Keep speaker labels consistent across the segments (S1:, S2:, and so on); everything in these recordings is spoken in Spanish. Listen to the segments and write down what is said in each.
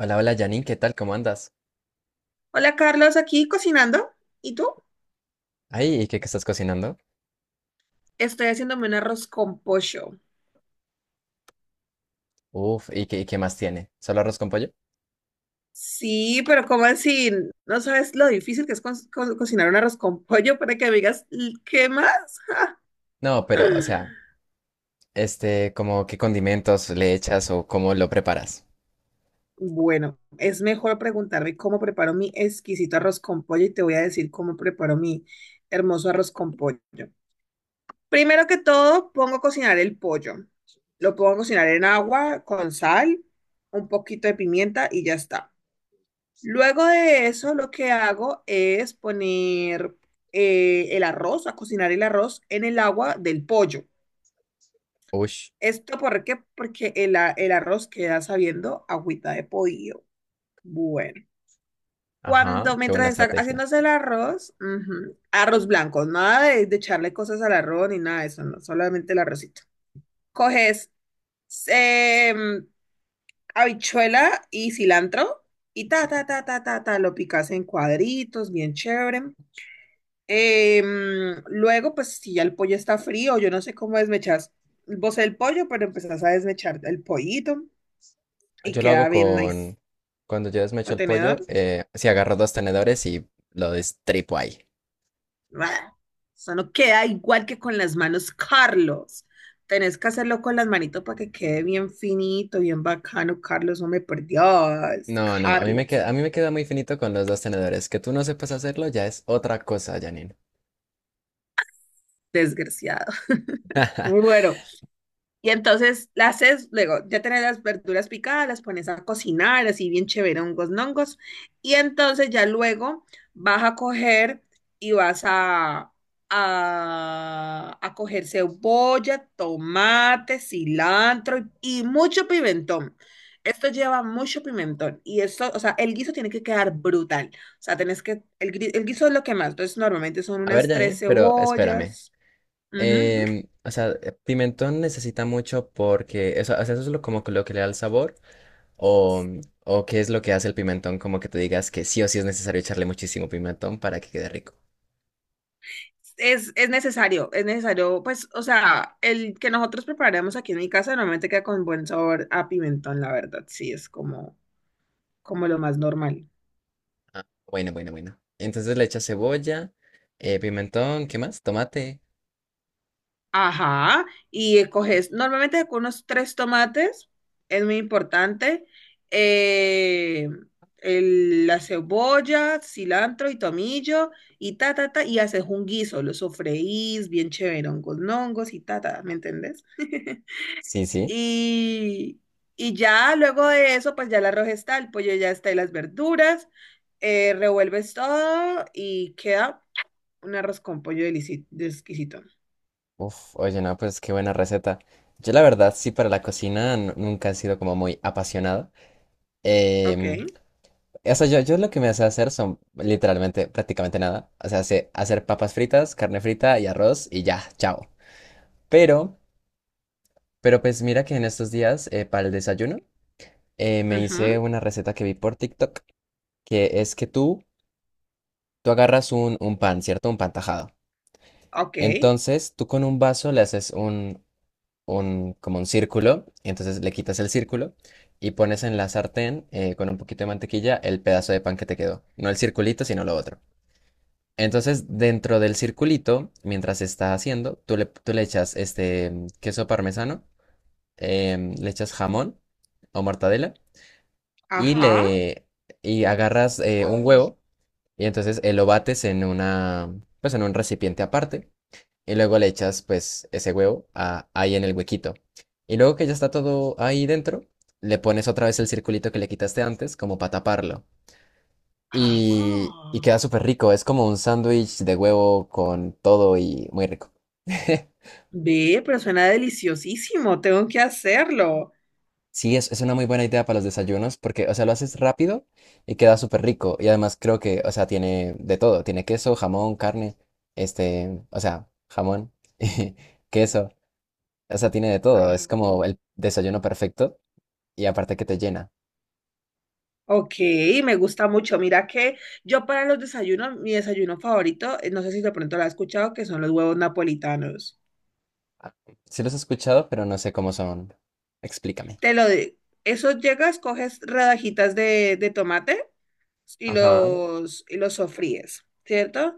S1: Hola, hola Janine, ¿qué tal? ¿Cómo andas?
S2: Hola Carlos, aquí cocinando. ¿Y tú?
S1: Ay, ¿y qué estás cocinando?
S2: Estoy haciéndome un arroz con pollo.
S1: Uf, ¿y qué más tiene? ¿Solo arroz con pollo?
S2: Sí, pero ¿cómo así? ¿No sabes lo difícil que es cocinar un arroz con pollo para que me digas "L- qué más?
S1: No, pero, o sea, este, como qué condimentos le echas o cómo lo preparas.
S2: Bueno, es mejor preguntarme cómo preparo mi exquisito arroz con pollo y te voy a decir cómo preparo mi hermoso arroz con pollo. Primero que todo, pongo a cocinar el pollo. Lo pongo a cocinar en agua con sal, un poquito de pimienta y ya está. Luego de eso, lo que hago es poner el arroz, a cocinar el arroz en el agua del pollo.
S1: Ush,
S2: ¿Esto por qué? Porque el arroz queda sabiendo agüita de pollo. Bueno,
S1: ajá,
S2: cuando
S1: qué buena
S2: mientras está
S1: estrategia.
S2: haciéndose el arroz, ujú, arroz blanco, nada de echarle cosas al arroz ni nada de eso, no, solamente el arrocito. Coges em, habichuela y cilantro y ta, ta, ta, ta, ta, ta, lo picas en cuadritos, bien chévere. Em, luego, pues si ya el pollo está frío, yo no sé cómo desmechas vos el pollo, pero empezás a desmechar el pollito y
S1: Yo lo hago
S2: queda bien nice.
S1: con, cuando yo desmecho el pollo,
S2: Contenedor.
S1: sí agarro dos tenedores y lo destripo ahí.
S2: ¡Bah! Eso no queda igual que con las manos, Carlos. Tenés que hacerlo con las manitos para que quede bien finito, bien bacano, Carlos. No me perdías,
S1: No, no, a mí me
S2: Carlos.
S1: queda, a mí me queda muy finito con los dos tenedores. Que tú no sepas hacerlo ya es otra cosa, Janine.
S2: Desgraciado. Bueno. Y entonces las haces, luego ya tenés las verduras picadas, las pones a cocinar, así bien chévere, hongos, nongos. Y entonces ya luego vas a coger y a coger cebolla, tomate, cilantro y mucho pimentón. Esto lleva mucho pimentón y esto, o sea, el guiso tiene que quedar brutal. O sea, tenés que, el guiso es lo que más, entonces normalmente son
S1: A ver,
S2: unas tres
S1: Janine, pero espérame.
S2: cebollas. Ujú,
S1: O sea, pimentón necesita mucho porque eso, o sea, eso es lo, como que lo que le da el sabor o,
S2: ujú.
S1: o qué es lo que hace el pimentón, como que tú digas que sí o sí es necesario echarle muchísimo pimentón para que quede rico.
S2: Es necesario, es necesario, pues, o sea, el que nosotros preparamos aquí en mi casa normalmente queda con buen sabor a pimentón, la verdad, sí, es como, como lo más normal.
S1: Ah, bueno, bueno, bueno. Entonces le echas cebolla, pimentón, ¿qué más? Tomate.
S2: Ajá, y coges normalmente con unos tres tomates, es muy importante, eh, la cebolla, cilantro y tomillo, y ta, ta, ta, y haces un guiso, lo sofreís bien chévere, hongos, hongos y ta, ta, ¿me entendés?
S1: Sí, sí.
S2: Y, y ya luego de eso, pues ya el arroz está, el pollo ya está y las verduras. Revuelves todo y queda un arroz con pollo de exquisito.
S1: Uf, oye, no, pues qué buena receta. Yo la verdad sí para la cocina nunca he sido como muy apasionado.
S2: Ok.
S1: Em, O sea, yo lo que me hace hacer son literalmente prácticamente nada. O sea, sé hacer papas fritas, carne frita y arroz y ya, chao. Pero, pero pues mira que en estos días para el desayuno me hice
S2: Ujú.
S1: una receta que vi por TikTok, que es que tú agarras un pan, ¿cierto? Un pan tajado.
S2: Ok.
S1: Entonces tú con un vaso le haces como un círculo, y entonces le quitas el círculo y pones en la sartén con un poquito de mantequilla el pedazo de pan que te quedó. No el circulito, sino lo otro. Entonces, dentro del circulito, mientras se está haciendo, tú le echas este queso parmesano, le echas jamón o mortadela y
S2: Ajá.
S1: le y agarras un huevo y entonces lo bates en una pues en un recipiente aparte y luego le echas pues ese huevo ahí en el huequito. Y luego que ya está todo ahí dentro, le pones otra vez el circulito que le quitaste antes como para taparlo
S2: Ah,
S1: y queda súper rico. Es como un sándwich de huevo con todo y muy rico.
S2: ve, pero suena deliciosísimo. Tengo que hacerlo.
S1: Sí, es una muy buena idea para los desayunos porque, o sea, lo haces rápido y queda súper rico. Y además creo que, o sea, tiene de todo. Tiene queso, jamón, carne, este, o sea, jamón, y queso. O sea, tiene de todo. Es
S2: Ajá.
S1: como el desayuno perfecto y aparte que te llena.
S2: Ok, me gusta mucho. Mira que yo para los desayunos, mi desayuno favorito, no sé si de pronto lo has escuchado, que son los huevos napolitanos.
S1: Ah, sí los he escuchado, pero no sé cómo son. Explícame.
S2: Te lo digo. Eso llegas, coges rodajitas de tomate y
S1: Ajá,
S2: y los sofríes, ¿cierto?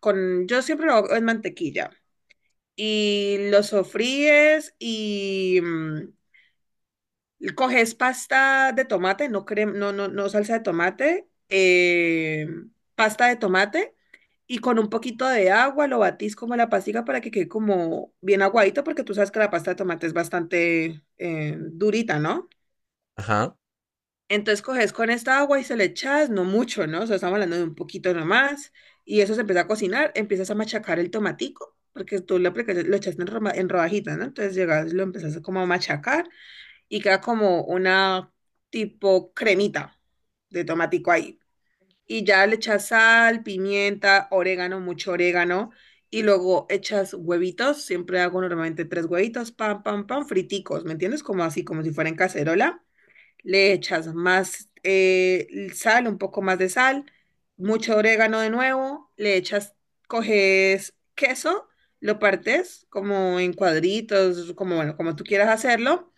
S2: Con, yo siempre lo hago en mantequilla. Y los sofríes y coges pasta de tomate, no, salsa de tomate, pasta de tomate y con un poquito de agua lo batís como la pastica para que quede como bien aguadito porque tú sabes que la pasta de tomate es bastante durita, ¿no?
S1: ajá.
S2: Entonces coges con esta agua y se le echas, no mucho, ¿no? O sea, estamos hablando de un poquito nomás. Y eso se empieza a cocinar, empiezas a machacar el tomatico, porque lo echaste en rodajitas, ¿no? Entonces llegas, lo empiezas como a machacar y queda como una tipo cremita de tomatico ahí. Y ya le echas sal, pimienta, orégano, mucho orégano. Y luego echas huevitos, siempre hago normalmente tres huevitos, pam, pam, pam, friticos, ¿me entiendes? Como así, como si fuera en cacerola le echas más sal, un poco más de sal, mucho orégano de nuevo, le echas, coges queso, lo partes como en cuadritos, como, bueno, como tú quieras hacerlo.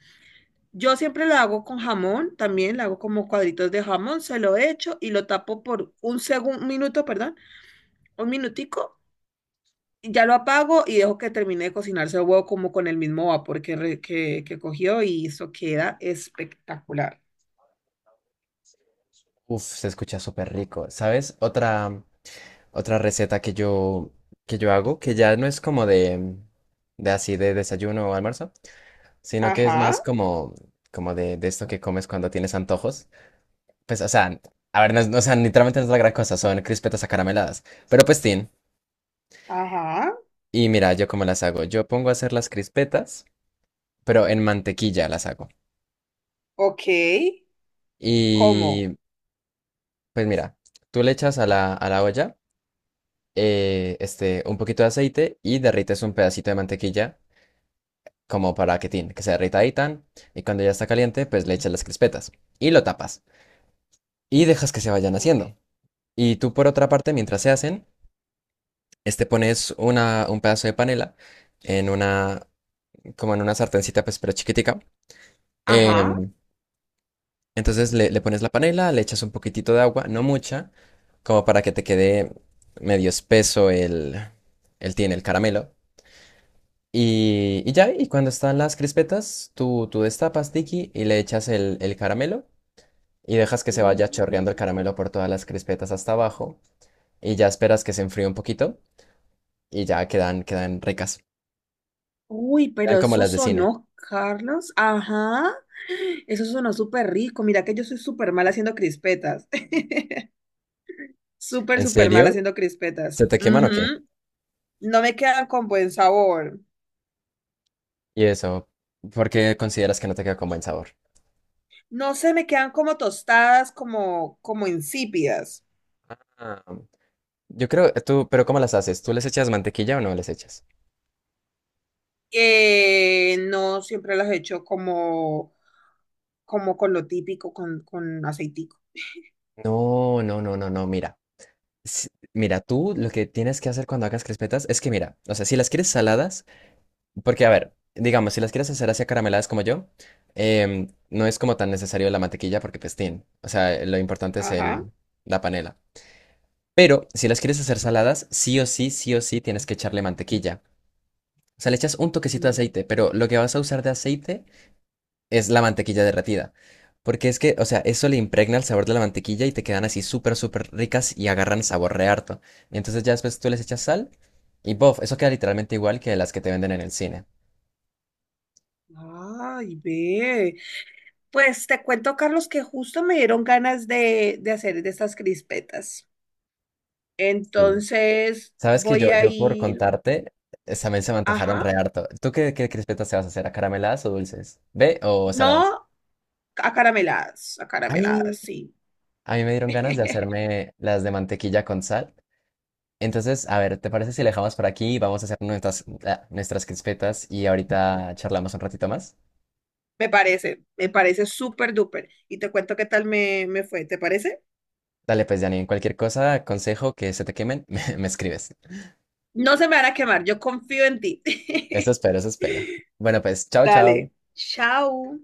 S2: Yo siempre lo hago con jamón, también lo hago como cuadritos de jamón, se lo echo y lo tapo por un segundo, un minuto, perdón, un minutico, y ya lo apago y dejo que termine de cocinarse el huevo como con el mismo vapor que cogió y eso queda espectacular.
S1: Uf, se escucha súper rico. ¿Sabes? Otra receta que yo hago, que ya no es como de así de desayuno o almuerzo, sino que es más
S2: Ajá,
S1: como, como de esto que comes cuando tienes antojos. Pues, o sea, a ver, no, no, o sea, literalmente no es la gran cosa, son crispetas acarameladas. Pero pues, tin.
S2: ajá.
S1: Y mira, yo cómo las hago. Yo pongo a hacer las crispetas, pero en mantequilla las hago.
S2: Ok,
S1: Y
S2: ¿cómo?
S1: pues mira, tú le echas a a la olla este, un poquito de aceite y derrites un pedacito de mantequilla como para que, tin, que se derrita ahí tan, y cuando ya está caliente, pues le echas las crispetas y lo tapas y dejas que se vayan
S2: Ok.
S1: haciendo. Y tú por otra parte, mientras se hacen, este pones un pedazo de panela en como en una sartencita, pues pero chiquitica.
S2: Ajá.
S1: Em, entonces le pones la panela, le echas un poquitito de agua, no mucha, como para que te quede medio espeso el tin, el caramelo. Y ya, y cuando están las crispetas, tú destapas, Tiki, y le echas el caramelo y dejas que se
S2: Mm.
S1: vaya chorreando el caramelo por todas las crispetas hasta abajo y ya esperas que se enfríe un poquito y ya quedan, quedan ricas.
S2: Uy,
S1: Quedan
S2: pero
S1: como
S2: eso
S1: las de cine.
S2: sonó, Carlos. Ajá. Eso sonó súper rico. Mira que yo soy súper mal haciendo crispetas. Súper,
S1: ¿En
S2: súper mal
S1: serio?
S2: haciendo crispetas.
S1: ¿Se te queman o qué?
S2: Ujú. No me quedan con buen sabor.
S1: Y eso, ¿por qué consideras que no te queda con buen sabor?
S2: No se me quedan como tostadas, como, como insípidas.
S1: Ah, yo creo, tú, pero ¿cómo las haces? ¿Tú les echas mantequilla o no les echas?
S2: No siempre las he hecho como, como con lo típico, con aceitico.
S1: No, no, no, no, no, mira. si- Mira, tú lo que tienes que hacer cuando hagas crispetas es que, mira, o sea, si las quieres saladas, porque, a ver, digamos, si las quieres hacer así carameladas como yo, no es como tan necesario la mantequilla porque pestín. O sea, lo importante es
S2: Ajá.
S1: el, la panela. Pero si las quieres hacer saladas, sí o sí tienes que echarle mantequilla. O sea, le echas un toquecito de
S2: Mm.
S1: aceite, pero lo que vas a usar de aceite es la mantequilla derretida. Porque es que, o sea, eso le impregna el sabor de la mantequilla y te quedan así súper, súper ricas y agarran sabor re harto. Y entonces ya después tú les echas sal y bof, eso queda literalmente igual que las que te venden en el cine.
S2: Ay, ve. Pues te cuento, Carlos, que justo me dieron ganas de hacer de estas crispetas.
S1: Sí.
S2: Entonces
S1: Sabes que
S2: voy
S1: yo,
S2: a
S1: yo por
S2: ir,
S1: contarte, también se me antojaron
S2: ajá,
S1: re harto. ¿Tú qué crispetas te vas a hacer? ¿A carameladas o dulces? ¿Ve o saladas?
S2: no acarameladas,
S1: Ay,
S2: acarameladas, sí.
S1: a mí me dieron ganas de hacerme las de mantequilla con sal. Entonces, a ver, ¿te parece si la dejamos por aquí? Vamos a hacer nuestras, ah, nuestras crispetas y ahorita charlamos un ratito más.
S2: Me parece súper duper. Y te cuento qué tal me fue, ¿te parece?
S1: Dale, pues, Janine, cualquier cosa, consejo que se te quemen, me escribes.
S2: No se me van a quemar, yo confío en ti.
S1: Eso espero, eso espero. Bueno, pues, chao, chao.
S2: Dale. Chao.